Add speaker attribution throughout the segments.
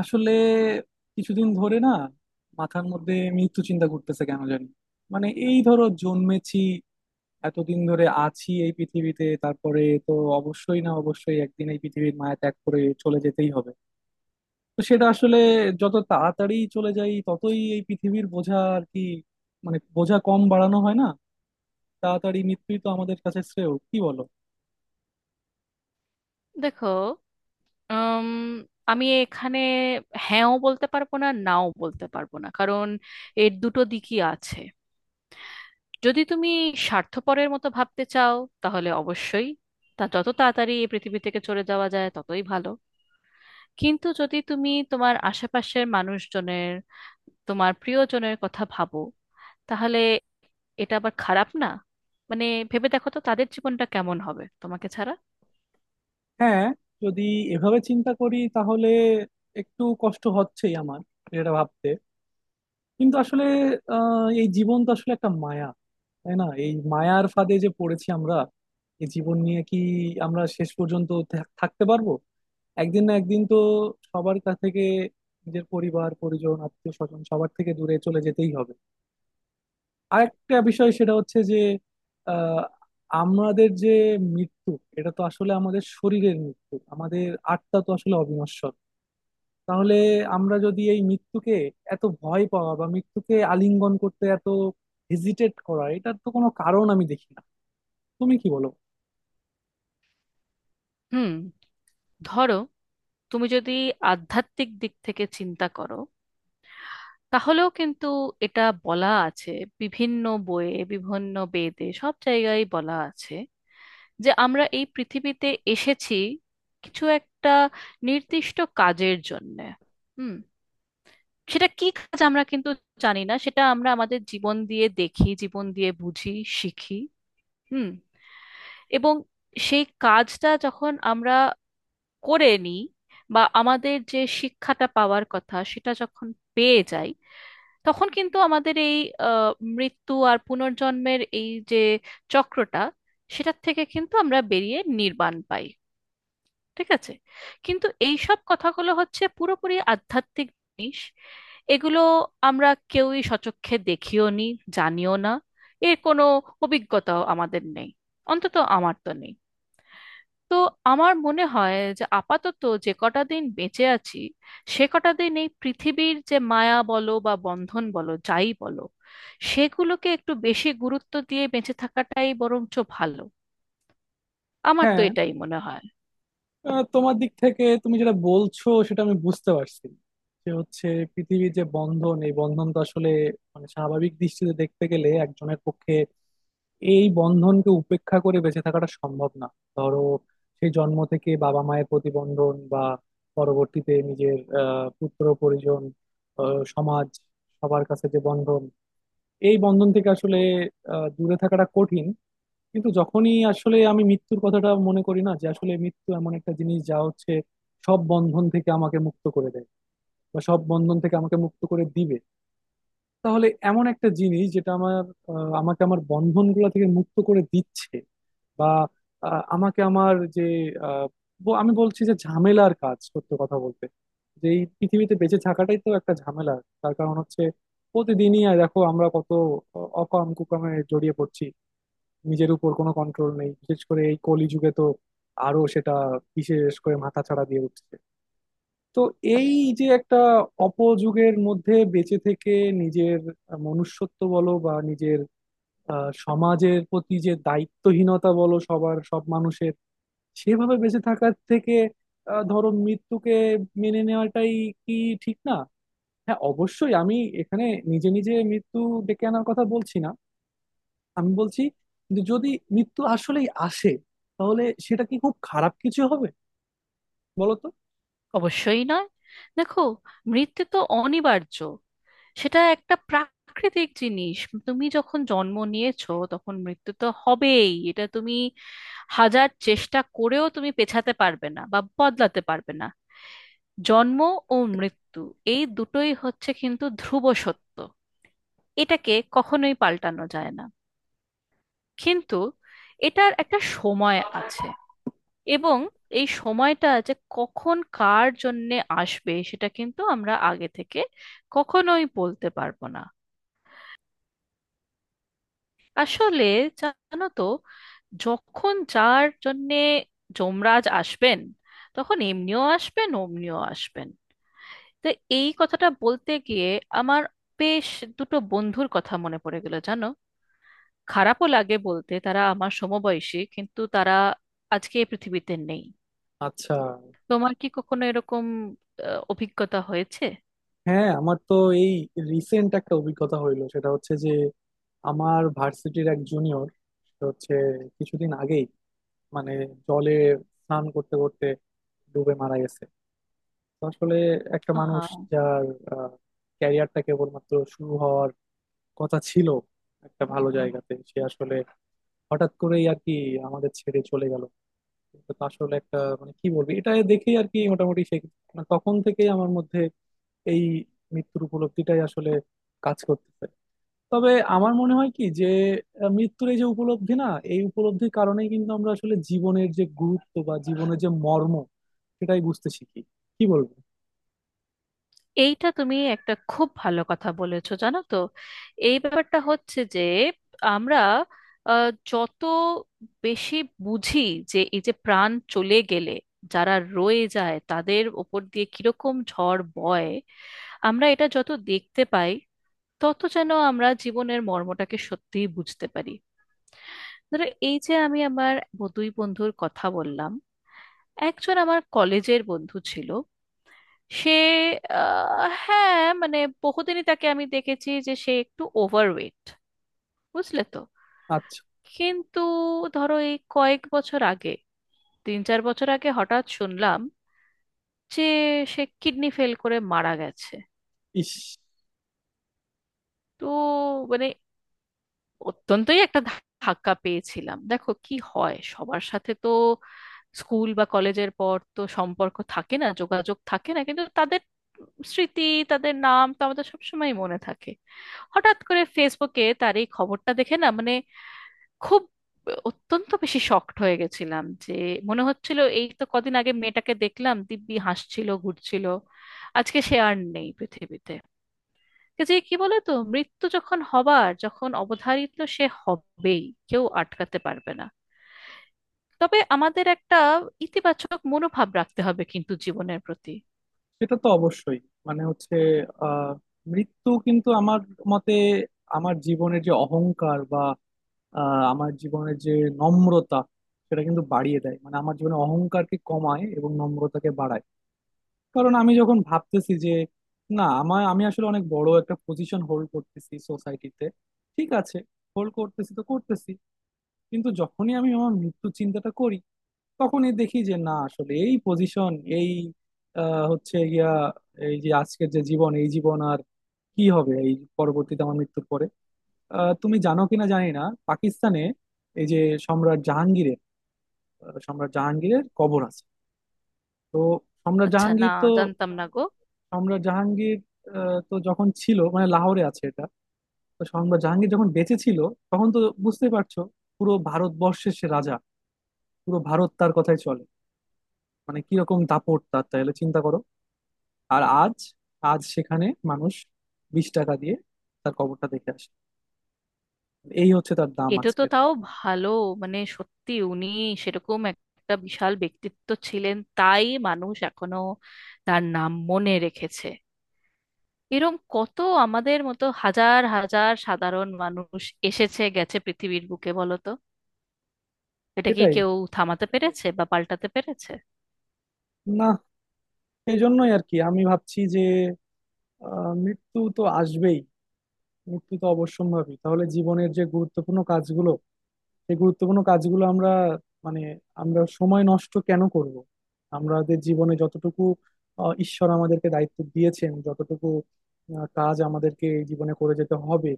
Speaker 1: আসলে কিছুদিন ধরে না, মাথার মধ্যে মৃত্যু চিন্তা ঘুরতেছে কেন জানি। মানে এই ধরো, জন্মেছি, এতদিন ধরে আছি এই পৃথিবীতে, তারপরে তো অবশ্যই না, অবশ্যই একদিন এই পৃথিবীর মায়া ত্যাগ করে চলে যেতেই হবে। তো সেটা আসলে, যত তাড়াতাড়ি চলে যাই ততই এই পৃথিবীর বোঝা আর কি, মানে বোঝা কম বাড়ানো হয় না। তাড়াতাড়ি মৃত্যুই তো আমাদের কাছে শ্রেয়, কি বলো?
Speaker 2: দেখো, উম, আমি এখানে হ্যাঁও বলতে পারবো না, নাও বলতে পারবো না। কারণ এর দুটো দিকই আছে। যদি তুমি স্বার্থপরের মতো ভাবতে চাও, তাহলে অবশ্যই তা যত তাড়াতাড়ি এই পৃথিবী থেকে চলে যাওয়া যায় ততই ভালো। কিন্তু যদি তুমি তোমার আশেপাশের মানুষজনের, তোমার প্রিয়জনের কথা ভাবো, তাহলে এটা আবার খারাপ না। মানে, ভেবে দেখো তো তাদের জীবনটা কেমন হবে তোমাকে ছাড়া।
Speaker 1: হ্যাঁ, যদি এভাবে চিন্তা করি তাহলে একটু কষ্ট হচ্ছেই আমার এটা ভাবতে, কিন্তু আসলে এই জীবন তো আসলে একটা মায়া, তাই না? এই মায়ার ফাঁদে যে পড়েছি আমরা, এই জীবন নিয়ে কি আমরা শেষ পর্যন্ত থাকতে পারবো? একদিন না একদিন তো সবার কাছ থেকে, নিজের পরিবার পরিজন আত্মীয় স্বজন সবার থেকে দূরে চলে যেতেই হবে। আর একটা বিষয় সেটা হচ্ছে যে, আহ আমাদের যে মৃত্যু, এটা তো আসলে আমাদের শরীরের মৃত্যু, আমাদের আত্মা তো আসলে অবিনশ্বর। তাহলে আমরা যদি এই মৃত্যুকে এত ভয় পাওয়া বা মৃত্যুকে আলিঙ্গন করতে এত হেজিটেট করা, এটার তো কোনো কারণ আমি দেখি না। তুমি কি বলো?
Speaker 2: হুম, ধরো তুমি যদি আধ্যাত্মিক দিক থেকে চিন্তা করো, তাহলেও কিন্তু এটা বলা আছে, বিভিন্ন বইয়ে, বিভিন্ন বেদে সব জায়গায় বলা আছে যে আমরা এই পৃথিবীতে এসেছি কিছু একটা নির্দিষ্ট কাজের জন্য। হুম। সেটা কি কাজ আমরা কিন্তু জানি না, সেটা আমরা আমাদের জীবন দিয়ে দেখি, জীবন দিয়ে বুঝি, শিখি। হুম। এবং সেই কাজটা যখন আমরা করে নিই, বা আমাদের যে শিক্ষাটা পাওয়ার কথা সেটা যখন পেয়ে যাই, তখন কিন্তু আমাদের এই আহ, মৃত্যু আর পুনর্জন্মের এই যে চক্রটা, সেটার থেকে কিন্তু আমরা বেরিয়ে নির্বাণ পাই। ঠিক আছে, কিন্তু এই সব কথাগুলো হচ্ছে পুরোপুরি আধ্যাত্মিক জিনিস। এগুলো আমরা কেউই সচক্ষে দেখিও নি, জানিও না, এর কোনো অভিজ্ঞতাও আমাদের নেই, অন্তত আমার তো নেই। তো আমার মনে হয় যে আপাতত যে কটা দিন বেঁচে আছি, সে কটা দিন এই পৃথিবীর যে মায়া বলো বা বন্ধন বলো যাই বলো, সেগুলোকে একটু বেশি গুরুত্ব দিয়ে বেঁচে থাকাটাই বরঞ্চ ভালো। আমার তো
Speaker 1: হ্যাঁ,
Speaker 2: এটাই মনে হয়।
Speaker 1: তোমার দিক থেকে তুমি যেটা বলছো সেটা আমি বুঝতে পারছি। যে হচ্ছে পৃথিবীর যে বন্ধন, এই বন্ধন তো আসলে, মানে স্বাভাবিক দৃষ্টিতে দেখতে গেলে একজনের পক্ষে এই বন্ধনকে উপেক্ষা করে বেঁচে থাকাটা সম্ভব না। ধরো সেই জন্ম থেকে বাবা মায়ের প্রতিবন্ধন, বা পরবর্তীতে নিজের পুত্র পরিজন, সমাজ, সবার কাছে যে বন্ধন, এই বন্ধন থেকে আসলে দূরে থাকাটা কঠিন। কিন্তু যখনই আসলে আমি মৃত্যুর কথাটা মনে করি না, যে আসলে মৃত্যু এমন একটা জিনিস যা হচ্ছে সব বন্ধন থেকে আমাকে মুক্ত করে দেয়, বা সব বন্ধন থেকে আমাকে মুক্ত করে দিবে, তাহলে এমন একটা জিনিস যেটা আমার আমাকে আমার বন্ধনগুলো থেকে মুক্ত করে দিচ্ছে, বা আহ, আমাকে আমার যে আহ, ব- আমি বলছি যে ঝামেলার কাজ, সত্য কথা বলতে যে এই পৃথিবীতে বেঁচে থাকাটাই তো একটা ঝামেলা। তার কারণ হচ্ছে, প্রতিদিনই আর দেখো আমরা কত অকাম কুকামে জড়িয়ে পড়ছি, নিজের উপর কোনো কন্ট্রোল নেই। বিশেষ করে এই কলিযুগে তো আরো সেটা বিশেষ করে মাথা ছাড়া দিয়ে উঠছে। তো এই যে একটা অপযুগের মধ্যে বেঁচে থেকে নিজের মনুষ্যত্ব বলো, বা নিজের সমাজের প্রতি যে দায়িত্বহীনতা বলো সবার সব মানুষের, সেভাবে বেঁচে থাকার থেকে ধরো মৃত্যুকে মেনে নেওয়াটাই কি ঠিক না? হ্যাঁ, অবশ্যই আমি এখানে নিজে নিজে মৃত্যু ডেকে আনার কথা বলছি না। আমি বলছি যে যদি মৃত্যু আসলেই আসে, তাহলে সেটা কি খুব খারাপ কিছু হবে? বলো তো।
Speaker 2: অবশ্যই নয়। দেখো, মৃত্যু তো অনিবার্য, সেটা একটা প্রাকৃতিক জিনিস। তুমি যখন জন্ম নিয়েছো তখন মৃত্যু তো হবেই, এটা তুমি হাজার চেষ্টা করেও তুমি পেছাতে পারবে না বা বদলাতে পারবে না। জন্ম ও মৃত্যু এই দুটোই হচ্ছে কিন্তু ধ্রুব সত্য, এটাকে কখনোই পাল্টানো যায় না। কিন্তু এটার একটা সময় আছে, এবং এই সময়টা যে কখন কার জন্যে আসবে সেটা কিন্তু আমরা আগে থেকে কখনোই বলতে পারবো না। আসলে, জানো তো, যখন যার জন্যে যমরাজ আসবেন, তখন এমনিও আসবেন অমনিও আসবেন। তো এই কথাটা বলতে গিয়ে আমার বেশ দুটো বন্ধুর কথা মনে পড়ে গেল, জানো। খারাপও লাগে বলতে, তারা আমার সমবয়সী কিন্তু তারা আজকে এই পৃথিবীতে নেই।
Speaker 1: আচ্ছা।
Speaker 2: তোমার কি কখনো এরকম অভিজ্ঞতা হয়েছে?
Speaker 1: হ্যাঁ, আমার তো এই রিসেন্ট একটা অভিজ্ঞতা হইলো, সেটা হচ্ছে যে আমার ভার্সিটির এক জুনিয়র হচ্ছে কিছুদিন আগেই মানে জলে স্নান করতে করতে ডুবে মারা গেছে। তো আসলে একটা মানুষ
Speaker 2: হ্যাঁ,
Speaker 1: যার ক্যারিয়ারটা কেবলমাত্র শুরু হওয়ার কথা ছিল একটা ভালো জায়গাতে, সে আসলে হঠাৎ করেই আর কি আমাদের ছেড়ে চলে গেল। তো আসলে একটা, মানে কি বলবি, এটা দেখেই আর কি মোটামুটি সে, মানে তখন থেকেই আমার মধ্যে এই মৃত্যুর উপলব্ধিটাই আসলে কাজ করতেছে। তবে আমার মনে হয় কি যে মৃত্যুর এই যে উপলব্ধি না, এই উপলব্ধির কারণেই কিন্তু আমরা আসলে জীবনের যে গুরুত্ব বা জীবনের যে মর্ম সেটাই বুঝতে শিখি, কি বলবো।
Speaker 2: এইটা তুমি একটা খুব ভালো কথা বলেছো, জানো তো। এই ব্যাপারটা হচ্ছে যে আমরা যত বেশি বুঝি যে এই যে প্রাণ চলে গেলে যারা রয়ে যায় তাদের ওপর দিয়ে কিরকম ঝড় বয়, আমরা এটা যত দেখতে পাই তত যেন আমরা জীবনের মর্মটাকে সত্যিই বুঝতে পারি। ধরো এই যে আমি আমার দুই বন্ধুর কথা বললাম, একজন আমার কলেজের বন্ধু ছিল। সে হ্যাঁ, মানে, বহুদিনই তাকে আমি দেখেছি যে সে একটু ওভারওয়েট, বুঝলে তো।
Speaker 1: আচ্ছা।
Speaker 2: কিন্তু ধরো এই কয়েক বছর আগে, তিন চার বছর আগে হঠাৎ শুনলাম যে সে কিডনি ফেল করে মারা গেছে।
Speaker 1: ইস।
Speaker 2: তো মানে অত্যন্তই একটা ধাক্কা পেয়েছিলাম। দেখো কি হয় সবার সাথে তো, স্কুল বা কলেজের পর তো সম্পর্ক থাকে না, যোগাযোগ থাকে না, কিন্তু তাদের স্মৃতি, তাদের নাম তো আমাদের সবসময় মনে থাকে। হঠাৎ করে ফেসবুকে তার এই খবরটা দেখে, না মানে, খুব অত্যন্ত বেশি শকড হয়ে গেছিলাম। যে মনে হচ্ছিল এই তো কদিন আগে মেয়েটাকে দেখলাম, দিব্যি হাসছিল, ঘুরছিল, আজকে সে আর নেই পৃথিবীতে। যে কি বলে তো, মৃত্যু যখন হবার, যখন অবধারিত সে হবেই, কেউ আটকাতে পারবে না। তবে আমাদের একটা ইতিবাচক মনোভাব রাখতে হবে কিন্তু জীবনের প্রতি।
Speaker 1: সেটা তো অবশ্যই, মানে হচ্ছে আহ মৃত্যু কিন্তু আমার মতে আমার জীবনের যে অহংকার বা আমার জীবনের যে নম্রতা, সেটা কিন্তু বাড়িয়ে দেয়, মানে আমার জীবনে অহংকারকে কমায় এবং নম্রতাকে বাড়ায়। কারণ আমি যখন ভাবতেছি যে না, আমার, আমি আসলে অনেক বড় একটা পজিশন হোল্ড করতেছি সোসাইটিতে, ঠিক আছে, হোল্ড করতেছি তো করতেছি, কিন্তু যখনই আমি আমার মৃত্যু চিন্তাটা করি তখনই দেখি যে না, আসলে এই পজিশন, এই হচ্ছে গিয়া এই যে আজকের যে জীবন, এই জীবন আর কি হবে এই পরবর্তীতে আমার মৃত্যুর পরে। তুমি জানো কিনা জানি না, পাকিস্তানে এই যে সম্রাট জাহাঙ্গীরের সম্রাট জাহাঙ্গীরের কবর আছে। তো সম্রাট
Speaker 2: আচ্ছা, না,
Speaker 1: জাহাঙ্গীর তো
Speaker 2: জানতাম না গো।
Speaker 1: আমরা, জাহাঙ্গীর তো যখন ছিল, মানে লাহোরে আছে এটা। তো আমরা জাহাঙ্গীর যখন বেঁচে ছিল তখন তো বুঝতেই পারছো, পুরো ভারতবর্ষের সে রাজা, পুরো ভারত তার কথাই চলে। মানে কিরকম দাপট তার, তাহলে চিন্তা করো। আর আজ, আজ সেখানে মানুষ 20 টাকা দিয়ে তার কবরটা দেখে আসে। এই হচ্ছে তার দাম
Speaker 2: এটা তো
Speaker 1: আজকের।
Speaker 2: তাও ভালো, মানে সত্যি উনি সেরকম একটা বিশাল ব্যক্তিত্ব ছিলেন, তাই মানুষ এখনো তার নাম মনে রেখেছে। এরম কত আমাদের মতো হাজার হাজার সাধারণ মানুষ এসেছে গেছে পৃথিবীর বুকে, বলো তো? এটা কি
Speaker 1: সেটাই।
Speaker 2: কেউ থামাতে পেরেছে বা পাল্টাতে পেরেছে?
Speaker 1: না, এই জন্যই আর কি আমি ভাবছি যে মৃত্যু তো আসবেই, মৃত্যু তো অবশ্যম্ভাবী। তাহলে জীবনের যে গুরুত্বপূর্ণ কাজগুলো, এই গুরুত্বপূর্ণ কাজগুলো আমরা মানে, আমরা সময় নষ্ট কেন করব? আমাদের জীবনে যতটুকু ঈশ্বর আমাদেরকে দায়িত্ব দিয়েছেন, যতটুকু কাজ আমাদেরকে এই জীবনে করে যেতে হবে,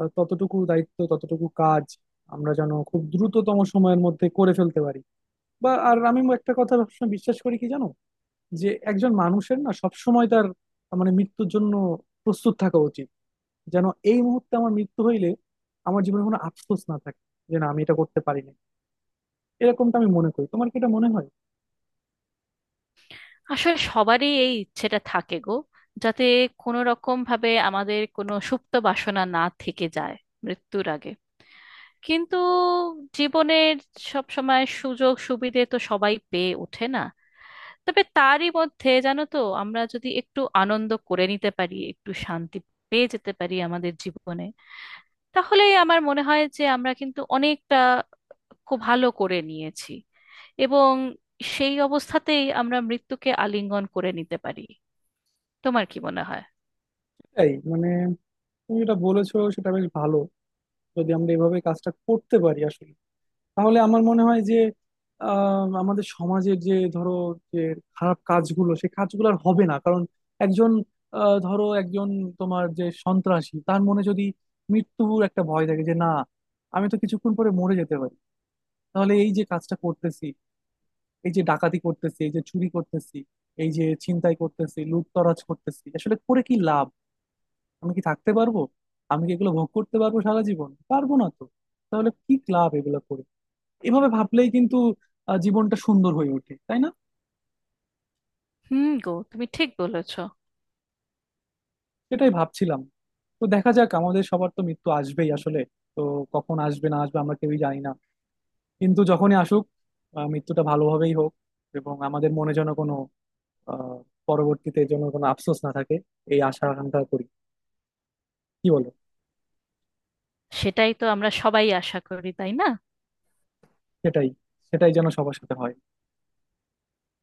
Speaker 1: ততটুকু দায়িত্ব, ততটুকু কাজ আমরা যেন খুব দ্রুততম সময়ের মধ্যে করে ফেলতে পারি। বা, আর আমি একটা কথা সবসময় বিশ্বাস করি কি জানো, যে একজন মানুষের না সবসময় তার, মানে, মৃত্যুর জন্য প্রস্তুত থাকা উচিত, যেন এই মুহূর্তে আমার মৃত্যু হইলে আমার জীবনে কোনো আফসোস না থাকে, যে না, আমি এটা করতে পারি নাই। এরকমটা আমি মনে করি, তোমার কি এটা মনে হয়?
Speaker 2: আসলে সবারই এই ইচ্ছেটা থাকে গো, যাতে কোনো রকম ভাবে আমাদের কোনো সুপ্ত বাসনা না থেকে যায় মৃত্যুর আগে। কিন্তু জীবনের সব সময় সুযোগ সুবিধে তো সবাই পেয়ে ওঠে না। তবে তারই মধ্যে, জানো তো, আমরা যদি একটু আনন্দ করে নিতে পারি, একটু শান্তি পেয়ে যেতে পারি আমাদের জীবনে, তাহলে আমার মনে হয় যে আমরা কিন্তু অনেকটা খুব ভালো করে নিয়েছি। এবং সেই অবস্থাতেই আমরা মৃত্যুকে আলিঙ্গন করে নিতে পারি। তোমার কি মনে হয়?
Speaker 1: তাই, মানে তুমি যেটা বলেছো সেটা বেশ ভালো। যদি আমরা এভাবে কাজটা করতে পারি আসলে, তাহলে আমার মনে হয় যে আমাদের সমাজের যে, ধরো, যে খারাপ কাজগুলো সেই কাজগুলো আর হবে না। কারণ একজন, ধরো একজন তোমার যে সন্ত্রাসী, তার মনে যদি মৃত্যুর একটা ভয় থাকে যে না, আমি তো কিছুক্ষণ পরে মরে যেতে পারি, তাহলে এই যে কাজটা করতেছি, এই যে ডাকাতি করতেছি, এই যে চুরি করতেছি, এই যে ছিনতাই করতেছি, লুটতরাজ করতেছি, আসলে করে কি লাভ? আমি কি থাকতে পারবো? আমি কি এগুলো ভোগ করতে পারবো? সারা জীবন পারবো না তো। তাহলে কি লাভ এগুলো করে? এভাবে ভাবলেই কিন্তু জীবনটা সুন্দর হয়ে ওঠে, তাই না?
Speaker 2: হুম গো, তুমি ঠিক বলেছ।
Speaker 1: সেটাই ভাবছিলাম। তো দেখা যাক, আমাদের সবার তো মৃত্যু আসবেই আসলে। তো কখন আসবে না আসবে আমরা কেউই জানি না, কিন্তু যখনই আসুক মৃত্যুটা ভালোভাবেই হোক, এবং আমাদের মনে যেন কোনো আহ পরবর্তীতে যেন কোনো আফসোস না থাকে, এই আশা আকাঙ্ক্ষা করি। কি বলো?
Speaker 2: সেটাই তো আমরা সবাই আশা করি, তাই না?
Speaker 1: সেটাই। সেটাই যেন সবার সাথে হয়।